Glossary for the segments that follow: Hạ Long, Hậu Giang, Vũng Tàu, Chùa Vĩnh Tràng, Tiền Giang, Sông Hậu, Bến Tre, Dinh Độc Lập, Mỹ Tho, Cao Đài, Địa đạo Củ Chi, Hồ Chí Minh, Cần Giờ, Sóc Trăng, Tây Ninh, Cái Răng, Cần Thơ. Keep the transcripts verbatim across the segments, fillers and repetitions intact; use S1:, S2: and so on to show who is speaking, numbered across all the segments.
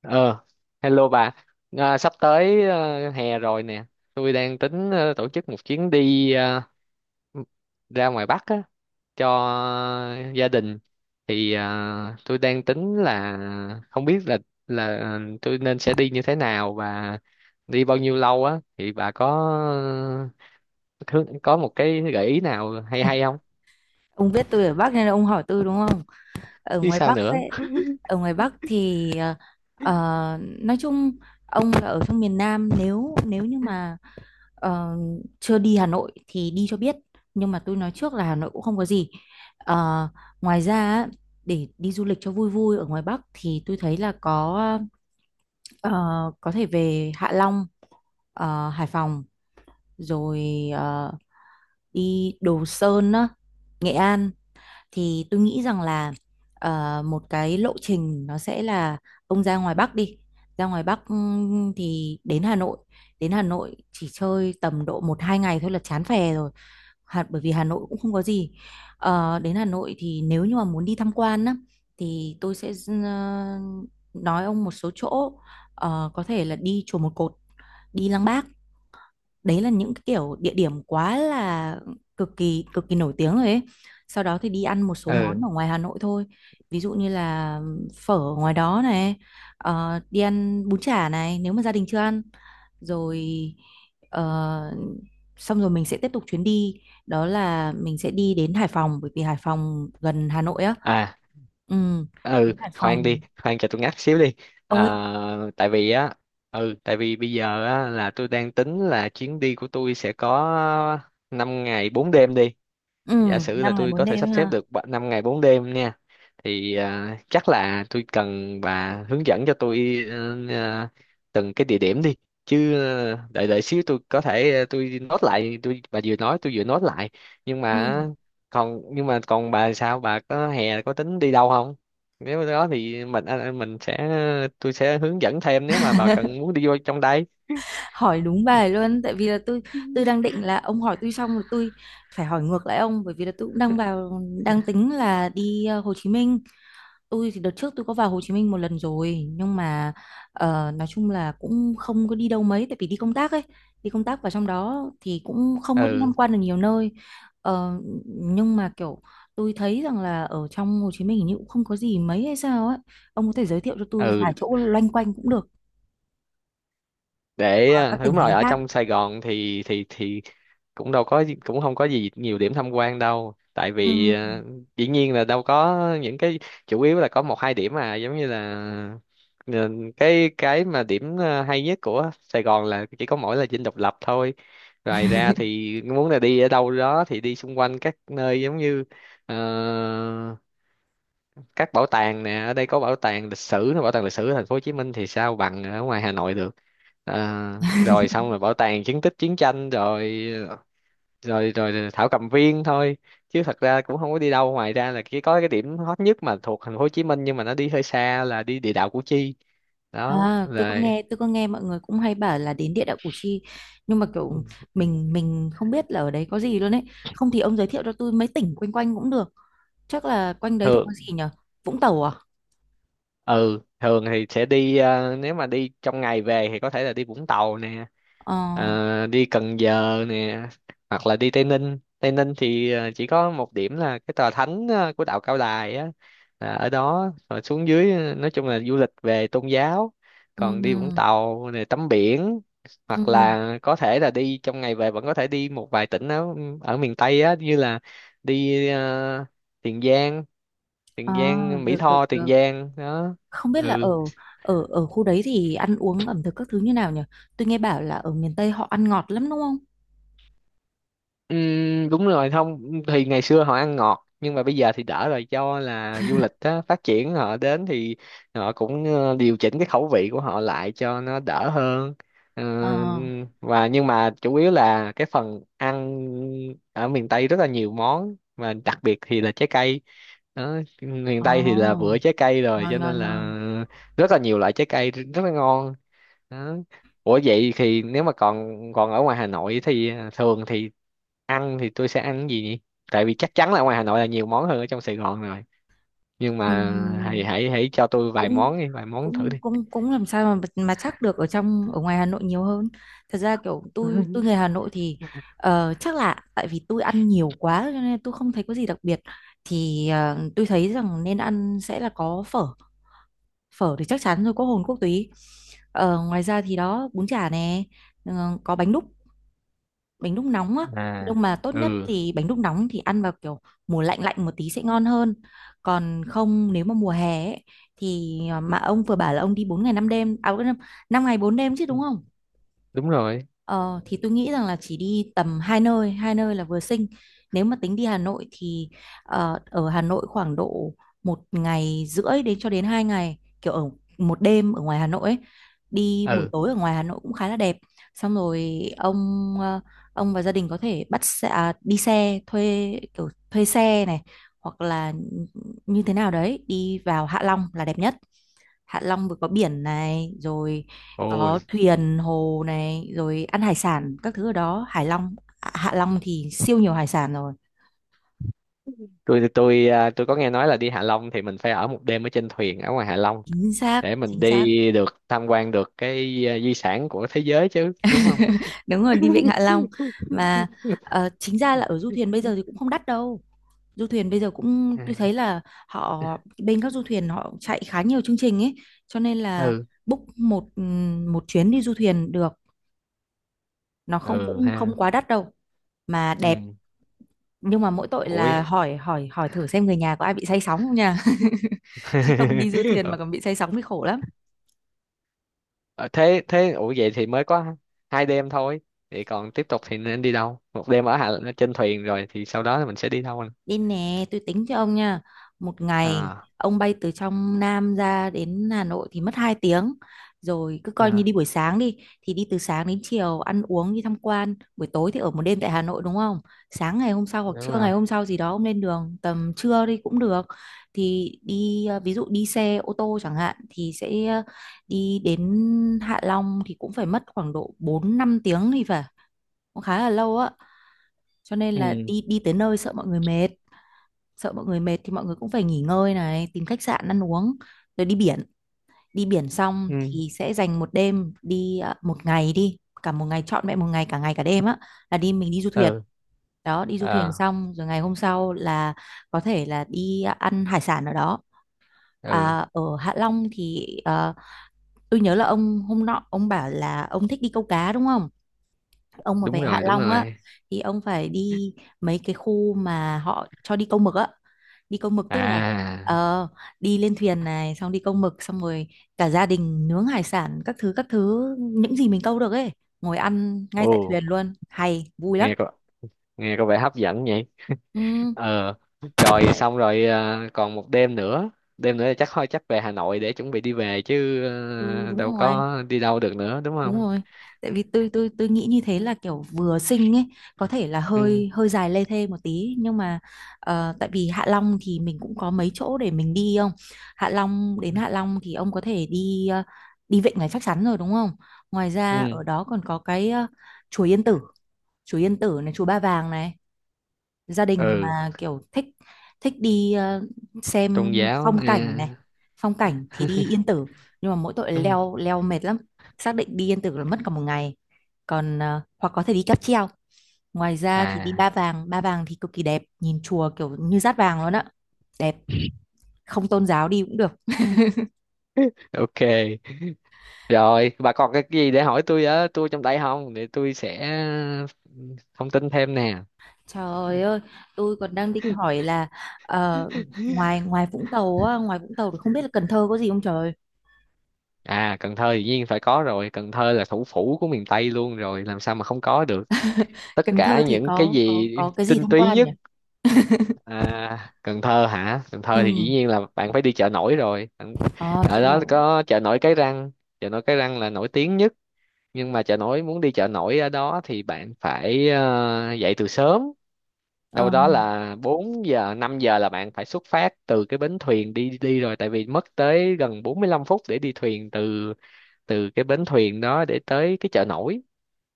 S1: Ờ, Hello bà. À, sắp tới ờ, hè rồi nè. Tôi đang tính ờ, tổ chức một chuyến đi ờ, ra ngoài Bắc á, cho gia đình. Thì ờ, tôi đang tính là không biết là là ờ, tôi nên sẽ đi như thế nào và đi bao nhiêu lâu á. Thì bà có có một cái gợi ý nào hay hay không?
S2: Ông biết tôi ở Bắc nên là ông hỏi tôi đúng không? Ở
S1: Chứ
S2: ngoài
S1: sao
S2: Bắc
S1: nữa?
S2: ấy, ở ngoài Bắc thì ờ, ờ, nói chung ông là ở trong miền Nam, nếu nếu như mà ờ, chưa đi Hà Nội thì đi cho biết. Nhưng mà tôi nói trước là Hà Nội cũng không có gì. Ờ, Ngoài ra á, để đi du lịch cho vui vui ở ngoài Bắc thì tôi thấy là có ờ, có thể về Hạ Long, ờ, Hải Phòng, rồi ờ, đi Đồ Sơn á, Nghệ An, thì tôi nghĩ rằng là ờ, một cái lộ trình nó sẽ là ông ra ngoài Bắc, đi ra ngoài Bắc, ừm, thì đến Hà Nội. Đến Hà Nội chỉ chơi tầm độ một hai ngày thôi là chán phè rồi. Hà, bởi vì Hà Nội cũng không có gì. Ờ, đến Hà Nội thì nếu như mà muốn đi tham quan á thì tôi sẽ ờ, nói ông một số chỗ. Ờ, có thể là đi chùa Một Cột, đi Lăng Bác. Đấy là những cái kiểu địa điểm quá là cực kỳ cực kỳ nổi tiếng rồi ấy. Sau đó thì đi ăn một số món
S1: Ừ.
S2: ở ngoài Hà Nội thôi, ví dụ như là phở ở ngoài đó này, ờ, đi ăn bún chả này, nếu mà gia đình chưa ăn rồi. ờ, Xong rồi mình sẽ tiếp tục chuyến đi, đó là mình sẽ đi đến Hải Phòng, bởi vì Hải Phòng gần Hà Nội á.
S1: À,
S2: Ừ.
S1: ừ,
S2: Đến Hải
S1: khoan đi,
S2: Phòng.
S1: khoan cho tôi ngắt xíu đi. À,
S2: Ơi.
S1: tại vì á, ừ, tại vì bây giờ á là tôi đang tính là chuyến đi của tôi sẽ có năm ngày bốn đêm đi,
S2: Ừ.
S1: giả sử là
S2: năm ngày
S1: tôi
S2: bốn
S1: có thể sắp
S2: đêm
S1: xếp
S2: ha.
S1: được năm ngày bốn đêm nha. Thì à, chắc là tôi cần bà hướng dẫn cho tôi ờ, ờ, từng cái địa điểm đi, chứ ờ, đợi đợi xíu, tôi có thể ờ, tôi nốt lại, tôi, bà vừa nói tôi vừa nốt lại. Nhưng mà,
S2: Ừ.
S1: còn nhưng mà còn bà, sao bà có hè, có tính đi đâu không? Nếu đó thì mình à, à, mình sẽ, tôi sẽ hướng dẫn thêm nếu mà bà cần muốn đi vô trong đây.
S2: Hỏi đúng bài luôn, tại vì là tôi tôi đang định là ông hỏi tôi xong rồi tôi phải hỏi ngược lại ông, bởi vì là tôi cũng đang vào, đang tính là đi ờ, Hồ Chí Minh. Tôi thì đợt trước tôi có vào Hồ Chí Minh một lần rồi, nhưng mà ờ, nói chung là cũng không có đi đâu mấy, tại vì đi công tác ấy. Đi công tác vào trong đó thì cũng không có đi
S1: Ừ,
S2: tham quan được nhiều nơi. Ờ, nhưng mà kiểu tôi thấy rằng là ở trong Hồ Chí Minh hình như cũng không có gì mấy hay sao ấy. Ông có thể giới thiệu cho tôi vài
S1: ừ.
S2: chỗ loanh quanh cũng được,
S1: Để
S2: ở
S1: à,
S2: các tỉnh
S1: đúng
S2: thành
S1: rồi, ở
S2: khác.
S1: trong Sài Gòn thì thì thì cũng đâu có, cũng không có gì nhiều điểm tham quan đâu, tại
S2: Ừ.
S1: vì ờ, dĩ nhiên là đâu có những cái, chủ yếu là có một hai điểm mà giống như là ờ, cái cái mà điểm ờ, hay nhất của Sài Gòn là chỉ có mỗi là Dinh Độc Lập thôi. Ngoài ra thì muốn là đi ở đâu đó thì đi xung quanh các nơi giống như ờ, các bảo tàng nè, ở đây có bảo tàng lịch sử, bảo tàng lịch sử ở thành phố Hồ Chí Minh thì sao bằng ở ngoài Hà Nội được. Ờ, Rồi xong rồi bảo tàng chứng tích chiến tranh, rồi rồi rồi rồi thảo cầm viên thôi, chứ thật ra cũng không có đi đâu, ngoài ra là cái có cái điểm hot nhất mà thuộc thành phố Hồ Chí Minh nhưng mà nó đi hơi xa là đi địa đạo Củ Chi. Đó
S2: À, tôi có
S1: rồi.
S2: nghe tôi có nghe mọi người cũng hay bảo là đến địa đạo Củ Chi, nhưng mà kiểu mình mình không biết là ở đấy có gì luôn ấy. Không thì ông giới thiệu cho tôi mấy tỉnh quanh quanh cũng được. Chắc là quanh đấy thì có
S1: thường
S2: gì nhở? Vũng Tàu à?
S1: ừ Thường thì sẽ đi ờ, nếu mà đi trong ngày về thì có thể là đi Vũng Tàu nè,
S2: Ờ.
S1: Ờ, đi Cần Giờ nè, hoặc là đi Tây Ninh. Tây Ninh thì ờ, chỉ có một điểm là cái tòa thánh ờ, của đạo Cao Đài á, là ở đó. Rồi xuống dưới ờ, nói chung là du lịch về tôn giáo.
S2: Ừ.
S1: Còn đi Vũng Tàu này tắm biển,
S2: Ừ.
S1: hoặc
S2: Ừ.
S1: là có thể là đi trong ngày về vẫn có thể đi một vài tỉnh ở ở miền Tây á, như là đi ờ, Tiền Giang, Tiền
S2: À,
S1: Giang Mỹ
S2: được, được,
S1: Tho, Tiền
S2: được.
S1: Giang đó.
S2: Không biết là ở,
S1: Ừ.
S2: ở ở khu đấy thì ăn uống ẩm thực các thứ như nào nhở? Tôi nghe bảo là ở miền Tây họ ăn ngọt lắm đúng không?
S1: Ừm, đúng rồi, không thì ngày xưa họ ăn ngọt nhưng mà bây giờ thì đỡ rồi, do là du lịch á phát triển, họ đến thì họ cũng ờ, điều chỉnh cái khẩu vị của họ lại cho nó đỡ hơn. Ờ,
S2: Ờ.
S1: và nhưng mà chủ yếu là cái phần ăn ở miền Tây rất là nhiều món, và đặc biệt thì là trái cây đó. Miền Tây thì là
S2: Ờ.
S1: vựa trái cây rồi
S2: Ngon,
S1: cho nên
S2: ngon,
S1: là
S2: ngon.
S1: rất là nhiều loại trái cây, rất là ngon. Đó. Ủa vậy thì nếu mà còn còn ở ngoài Hà Nội thì à, thường thì ăn thì tôi sẽ ăn cái gì nhỉ? Tại vì chắc chắn là ngoài Hà Nội là nhiều món hơn ở trong Sài Gòn rồi. Nhưng
S2: Ừ.
S1: mà hãy hãy hãy cho tôi vài
S2: cũng
S1: món đi, vài món thử
S2: cũng
S1: đi.
S2: cũng cũng làm sao mà mà chắc được ở trong, ở ngoài Hà Nội nhiều hơn. Thật ra kiểu tôi tôi người Hà Nội thì ờ, chắc là tại vì tôi ăn nhiều quá cho nên tôi không thấy có gì đặc biệt. Thì ờ, tôi thấy rằng nên ăn sẽ là có phở. Phở thì chắc chắn rồi, có hồn quốc túy. Ờ, ngoài ra thì đó, bún chả nè. Ờ, có bánh đúc, bánh đúc nóng á.
S1: À,
S2: Nhưng mà tốt nhất
S1: ừ,
S2: thì bánh đúc nóng thì ăn vào kiểu mùa lạnh lạnh một tí sẽ ngon hơn. Còn không nếu mà mùa hè ấy, thì ờ, mà ông vừa bảo là ông đi bốn ngày năm đêm à? năm ngày bốn đêm chứ đúng không?
S1: đúng rồi.
S2: Ờ, thì tôi nghĩ rằng là chỉ đi tầm hai nơi, hai nơi là vừa xinh. Nếu mà tính đi Hà Nội thì ờ, ở Hà Nội khoảng độ một ngày rưỡi đến cho đến hai ngày, kiểu ở một đêm ở ngoài Hà Nội ấy. Đi buổi
S1: Ừ.
S2: tối ở ngoài Hà Nội cũng khá là đẹp. Xong rồi ông, ờ, ông và gia đình có thể bắt xe, à, đi xe thuê, kiểu thuê xe này, hoặc là như thế nào đấy đi vào Hạ Long là đẹp nhất. Hạ Long vừa có biển này, rồi có
S1: Ôi,
S2: thuyền hồ này, rồi ăn hải sản các thứ ở đó. Hải Long, à, Hạ Long thì siêu nhiều hải sản rồi.
S1: tôi tôi à, tôi có nghe nói là đi Hạ Long thì mình phải ở một đêm ở trên thuyền ở ngoài Hạ Long
S2: Chính xác,
S1: để mình
S2: chính xác.
S1: đi được, tham quan được cái à, di sản của thế giới chứ, đúng không?
S2: Đúng rồi, đi Vịnh Hạ Long mà. Ờ, chính ra là ở du thuyền bây giờ thì cũng không đắt đâu. Du thuyền bây giờ cũng
S1: À,
S2: tôi thấy là họ, bên các du thuyền họ chạy khá nhiều chương trình ấy, cho nên là
S1: ừ,
S2: book một, ừm, một chuyến đi du thuyền được. Nó không,
S1: ừ
S2: cũng không
S1: ha.
S2: quá đắt đâu mà đẹp.
S1: Ừ.
S2: Nhưng mà mỗi tội
S1: Ủa.
S2: là hỏi hỏi hỏi thử xem người nhà có ai bị say sóng không nha. Chứ không đi du thuyền mà còn bị say sóng thì khổ lắm.
S1: Ờ, thế thế ủa vậy thì mới có hai đêm thôi, vậy còn tiếp tục thì nên đi đâu? Một đêm ở Hà, trên thuyền rồi thì sau đó thì mình sẽ đi đâu anh?
S2: Đi nè, tôi tính cho ông nha. Một ngày
S1: À,
S2: ông bay từ trong Nam ra đến Hà Nội thì mất hai tiếng. Rồi cứ coi như
S1: à,
S2: đi buổi sáng đi, thì đi từ sáng đến chiều ăn uống đi tham quan, buổi tối thì ở một đêm tại Hà Nội đúng không? Sáng ngày hôm sau hoặc
S1: đúng
S2: trưa
S1: rồi.
S2: ngày hôm sau gì đó ông lên đường tầm trưa đi cũng được. Thì đi, ờ, ví dụ đi xe ô tô chẳng hạn thì sẽ, ờ, đi đến Hạ Long thì cũng phải mất khoảng độ bốn năm tiếng thì phải. Cũng khá là lâu á. Cho nên là
S1: Ừ,
S2: đi, đi tới nơi sợ mọi người mệt, sợ mọi người mệt thì mọi người cũng phải nghỉ ngơi này, tìm khách sạn, ăn uống, rồi đi biển. Đi biển xong
S1: ừ,
S2: thì sẽ dành một đêm đi, à, một ngày đi, cả một ngày, trọn vẹn một ngày, cả ngày cả đêm á, là đi, mình đi du thuyền.
S1: ừ.
S2: Đó, đi du thuyền
S1: À,
S2: xong rồi ngày hôm sau là có thể là đi, à, ăn hải sản ở đó.
S1: ừ,
S2: À, ở Hạ Long thì à, tôi nhớ là ông hôm nọ ông bảo là ông thích đi câu cá đúng không? Ông mà về
S1: đúng
S2: Hạ
S1: rồi, đúng
S2: Long á
S1: rồi.
S2: thì ông phải đi mấy cái khu mà họ cho đi câu mực á. Đi câu mực tức là
S1: À,
S2: ờ, đi lên thuyền này, xong đi câu mực xong rồi cả gia đình nướng hải sản các thứ, các thứ những gì mình câu được ấy, ngồi ăn ngay
S1: ồ,
S2: tại thuyền luôn hay vui lắm.
S1: nghe có, nghe có vẻ hấp dẫn nhỉ.
S2: Ừ.
S1: Ờ. Rồi xong rồi à, còn một đêm nữa. Đêm nữa thì chắc thôi, chắc về Hà Nội để chuẩn bị đi về chứ,
S2: Ừ,
S1: ờ,
S2: đúng
S1: đâu
S2: rồi.
S1: có đi đâu được nữa, đúng
S2: Đúng
S1: không?
S2: rồi. Tại vì tôi tôi tôi nghĩ như thế là kiểu vừa sinh ấy, có thể là
S1: Ừ,
S2: hơi hơi dài lê thê một tí nhưng mà ờ, tại vì Hạ Long thì mình cũng có mấy chỗ để mình đi không? Hạ Long, đến Hạ Long thì ông có thể đi, ờ, đi Vịnh Ngoài Phách Sắn rồi đúng không? Ngoài ra
S1: ừ,
S2: ở đó còn có cái, ờ, chùa Yên Tử, chùa Yên Tử này, chùa Ba Vàng này, gia đình
S1: ừ.
S2: mà kiểu thích, thích đi, ờ, xem
S1: Tôn giáo
S2: phong cảnh này.
S1: à.
S2: Phong cảnh thì đi Yên Tử, nhưng mà mỗi tội
S1: Ừ.
S2: leo leo mệt lắm. Xác định đi Yên Tử là mất cả một ngày. Còn ờ, hoặc có thể đi cáp treo. Ngoài ra thì đi Ba
S1: À,
S2: Vàng. Ba Vàng thì cực kỳ đẹp, nhìn chùa kiểu như dát vàng luôn á. Đẹp. Không tôn giáo đi cũng được.
S1: ok, rồi bà còn cái gì để hỏi tôi á, tôi trong tay không để tôi sẽ ừ, thông tin thêm nè.
S2: Trời ơi, tôi còn đang định hỏi là ờ, ngoài, ngoài Vũng Tàu á, ngoài Vũng Tàu thì không biết là Cần Thơ có gì không trời.
S1: À, Cần Thơ dĩ nhiên phải có rồi, Cần Thơ là thủ phủ của miền Tây luôn rồi, làm sao mà không có được, tất
S2: Cần Thơ
S1: cả
S2: thì
S1: những cái
S2: có có
S1: gì
S2: có cái gì
S1: tinh
S2: tham
S1: túy
S2: quan nhỉ?
S1: nhất. À, Cần Thơ hả? Cần Thơ thì dĩ
S2: Ừ.
S1: nhiên là bạn phải đi chợ nổi rồi. Bạn-
S2: Ờ,
S1: ở
S2: chợ
S1: đó
S2: nổi.
S1: có chợ nổi Cái Răng, chợ nổi Cái Răng là nổi tiếng nhất. Nhưng mà chợ nổi, muốn đi chợ nổi ở đó thì bạn phải ờ, dậy từ sớm, đâu
S2: Ờ,
S1: đó là bốn giờ năm giờ là bạn phải xuất phát từ cái bến thuyền đi đi rồi, tại vì mất tới gần bốn mươi lăm phút để đi thuyền từ, từ cái bến thuyền đó để tới cái chợ nổi,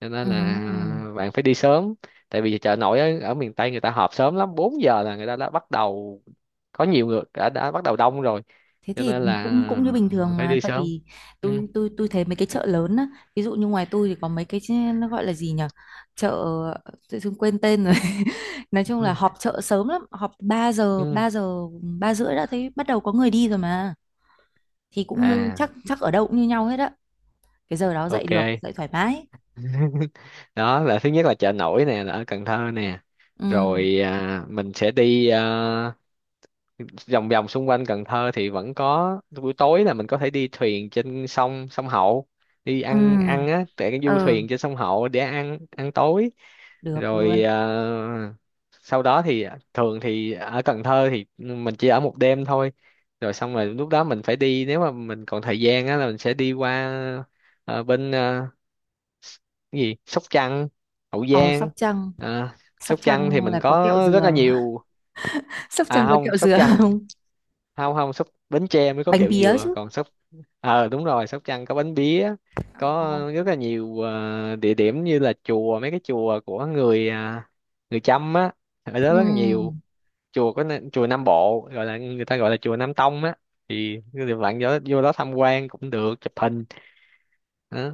S1: cho nên
S2: ừ,
S1: là
S2: ừ.
S1: bạn phải đi sớm. Tại vì chợ nổi ở, ở miền Tây người ta họp sớm lắm, bốn giờ là người ta đã bắt đầu, có nhiều người đã, đã bắt đầu đông rồi,
S2: Thế
S1: cho
S2: thì
S1: nên là
S2: cũng cũng như bình thường
S1: phải
S2: mà,
S1: đi
S2: tại
S1: sớm.
S2: vì
S1: Ừ,
S2: tôi tôi tôi thấy mấy cái chợ lớn á, ví dụ như ngoài tôi thì có mấy cái ch- nó gọi là gì nhỉ? Chợ tự dưng quên tên rồi. Nói chung là
S1: ừ,
S2: họp chợ sớm lắm, họp ba giờ,
S1: ừ.
S2: ba giờ, ba rưỡi đã thấy bắt đầu có người đi rồi mà. Thì cũng như
S1: À,
S2: chắc chắc ở đâu cũng như nhau hết á. Cái giờ đó dậy được,
S1: ok.
S2: dậy thoải mái.
S1: Đó là thứ nhất là chợ nổi nè, là ở Cần Thơ nè.
S2: Ừ.
S1: Rồi à, mình sẽ đi à, vòng vòng xung quanh Cần Thơ thì vẫn có. Buổi tối là mình có thể đi thuyền trên sông sông Hậu, đi
S2: Ừ.
S1: ăn ăn á tại cái du
S2: Ừ,
S1: thuyền trên sông Hậu để ăn ăn tối.
S2: được luôn.
S1: Rồi à, sau đó thì thường thì ở Cần Thơ thì mình chỉ ở một đêm thôi, rồi xong rồi lúc đó mình phải đi. Nếu mà mình còn thời gian á là mình sẽ đi qua ờ, bên ờ, cái gì, Sóc Trăng, Hậu
S2: Ờ, Sóc
S1: Giang.
S2: Trăng,
S1: À,
S2: Sóc
S1: Sóc Trăng thì
S2: Trăng
S1: mình
S2: là có kẹo
S1: có rất là
S2: dừa.
S1: nhiều.
S2: Sóc Trăng
S1: À
S2: có
S1: không,
S2: kẹo
S1: Sóc
S2: dừa.
S1: Trăng, không không, Sóc, Bến Tre mới có
S2: Bánh
S1: kẹo
S2: pía
S1: dừa,
S2: chứ.
S1: còn Sóc, ờ đúng rồi, Sóc Trăng có bánh pía, có
S2: Ồ,
S1: rất là nhiều ờ, địa điểm như là chùa, mấy cái chùa của người à, người Chăm á, ở đó rất là nhiều
S2: ừ,
S1: chùa. Có n- chùa Nam Bộ gọi là, người ta gọi là chùa Nam Tông á, thì bạn vô, vô đó tham quan cũng được, chụp hình đó.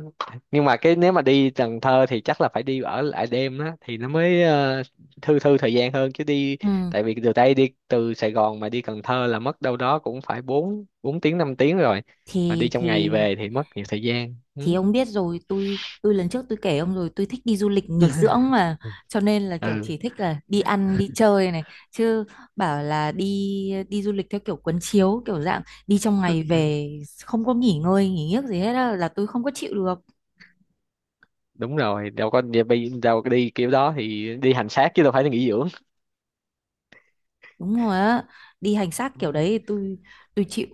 S1: Nhưng mà cái nếu mà đi Cần Thơ thì chắc là phải đi ở lại đêm đó thì nó mới ờ, thư thư thời gian hơn, chứ đi,
S2: ừ.
S1: tại vì từ đây đi, từ Sài Gòn mà đi Cần Thơ là mất đâu đó cũng phải bốn bốn tiếng năm tiếng rồi, mà đi
S2: thì
S1: trong
S2: thì
S1: ngày về thì mất nhiều thời gian.
S2: thì
S1: Ừ.
S2: ông biết rồi, tôi tôi lần trước tôi kể ông rồi, tôi thích đi du lịch nghỉ dưỡng mà, cho nên là kiểu
S1: Ừ
S2: chỉ thích là đi ăn đi chơi này, chứ bảo là đi, đi du lịch theo kiểu quấn chiếu kiểu dạng đi trong ngày về, không có nghỉ ngơi nghỉ giấc gì hết á, là tôi không có chịu được.
S1: đúng rồi, đâu có đi đâu có đi kiểu đó thì đi hành xác chứ đâu phải là nghỉ dưỡng.
S2: Đúng rồi á. Đi hành xác kiểu đấy thì tôi tôi chịu.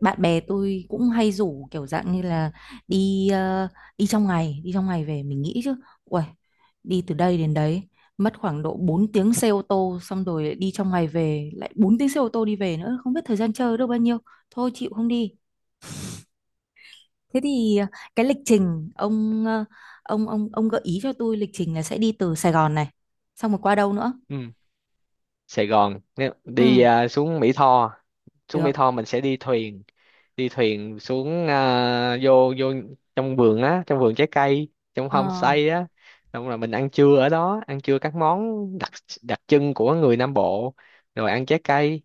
S2: Bạn bè tôi cũng hay rủ kiểu dạng như là đi, ờ, đi trong ngày đi trong ngày về, mình nghĩ chứ, uầy, đi từ đây đến đấy mất khoảng độ bốn tiếng xe ô tô xong rồi lại đi trong ngày về lại bốn tiếng xe ô tô đi về nữa, không biết thời gian chơi được bao nhiêu. Thôi chịu không đi. Thế thì ờ, cái lịch trình ông, ờ, ông ông ông gợi ý cho tôi lịch trình là sẽ đi từ Sài Gòn này xong rồi qua đâu nữa.
S1: Ừ. Sài Gòn, Nếu- đi
S2: Ừ.
S1: à, xuống Mỹ Tho, xuống Mỹ
S2: Được.
S1: Tho mình sẽ đi thuyền, đi thuyền xuống à, vô vô trong vườn á, trong vườn trái cây, trong
S2: Ờ,
S1: homestay á, xong rồi mình ăn trưa ở đó, ăn trưa các món đặc đặc trưng của người Nam Bộ, rồi ăn trái cây.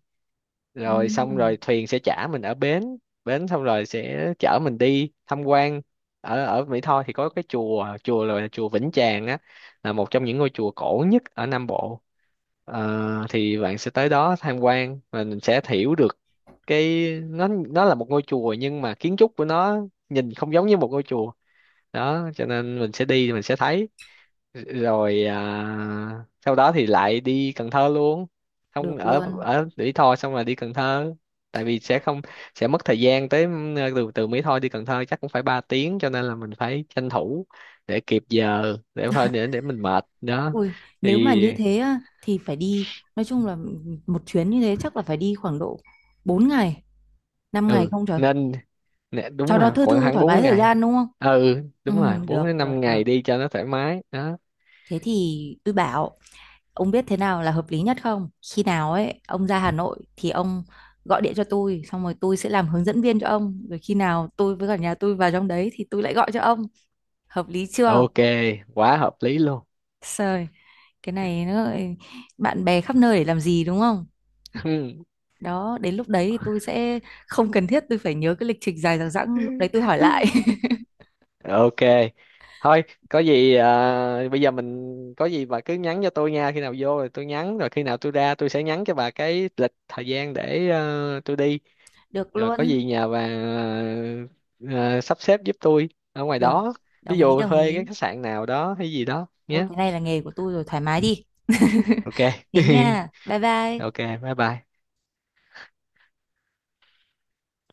S1: Rồi xong rồi
S2: ừ,
S1: thuyền sẽ chở mình ở bến bến, xong rồi sẽ chở mình đi tham quan. Ở ở Mỹ Tho thì có cái chùa chùa là chùa Vĩnh Tràng á, là một trong những ngôi chùa cổ nhất ở Nam Bộ. Ờ, thì bạn sẽ tới đó tham quan và mình sẽ hiểu được cái nó nó là một ngôi chùa nhưng mà kiến trúc của nó nhìn không giống như một ngôi chùa đó, cho nên mình sẽ đi thì mình sẽ thấy. Rồi à, sau đó thì lại đi Cần Thơ luôn, không,
S2: được
S1: ở
S2: luôn.
S1: ở Mỹ Tho xong rồi đi Cần Thơ, tại vì sẽ không, sẽ mất thời gian tới. ờ, từ Từ Mỹ Tho đi Cần Thơ chắc cũng phải ba tiếng, cho nên là mình phải tranh thủ để kịp giờ, để thôi, để để mình mệt đó
S2: Ui,
S1: thì.
S2: nếu mà như thế á, thì phải đi, nói chung là một chuyến như thế chắc là phải đi khoảng độ bốn ngày, năm ngày
S1: Ừ
S2: không trời.
S1: nên nè, đúng
S2: Cho đúng nó
S1: mà
S2: thư
S1: khoảng
S2: thư
S1: khoảng
S2: thoải mái
S1: bốn
S2: thời
S1: ngày
S2: gian đúng không?
S1: Ừ
S2: Ừ,
S1: đúng
S2: đúng
S1: rồi,
S2: rồi,
S1: bốn
S2: được,
S1: đến
S2: được,
S1: năm
S2: được.
S1: ngày đi cho nó thoải mái đó.
S2: Thế thì tôi bảo, ông biết thế nào là hợp lý nhất không? Khi nào ấy, ông ra Hà Nội thì ông gọi điện cho tôi, xong rồi tôi sẽ làm hướng dẫn viên cho ông. Rồi khi nào tôi với cả nhà tôi vào trong đấy thì tôi lại gọi cho ông. Hợp lý chưa?
S1: Ok, quá hợp lý luôn.
S2: Trời, cái này nó lại bạn bè khắp nơi để làm gì đúng không? Đó, đến lúc đấy thì tôi sẽ không cần thiết tôi phải nhớ cái lịch trình dài dằng dẵng. Lúc đấy tôi hỏi lại.
S1: Ok, thôi, có gì à, bây giờ mình, có gì bà cứ nhắn cho tôi nha, khi nào vô rồi tôi nhắn, rồi khi nào tôi ra tôi sẽ nhắn cho bà cái lịch thời gian để ờ, tôi đi,
S2: Được
S1: rồi có
S2: luôn.
S1: gì nhà bà ờ, sắp xếp giúp tôi ở ngoài
S2: Được.
S1: đó, ví
S2: Đồng ý,
S1: dụ
S2: đồng
S1: thuê cái
S2: ý.
S1: khách sạn nào đó hay gì đó
S2: Ôi
S1: nhé.
S2: cái này là nghề của tôi rồi, thoải mái đi.
S1: Ok.
S2: Thế nha, bye
S1: Ok,
S2: bye.
S1: bye bye.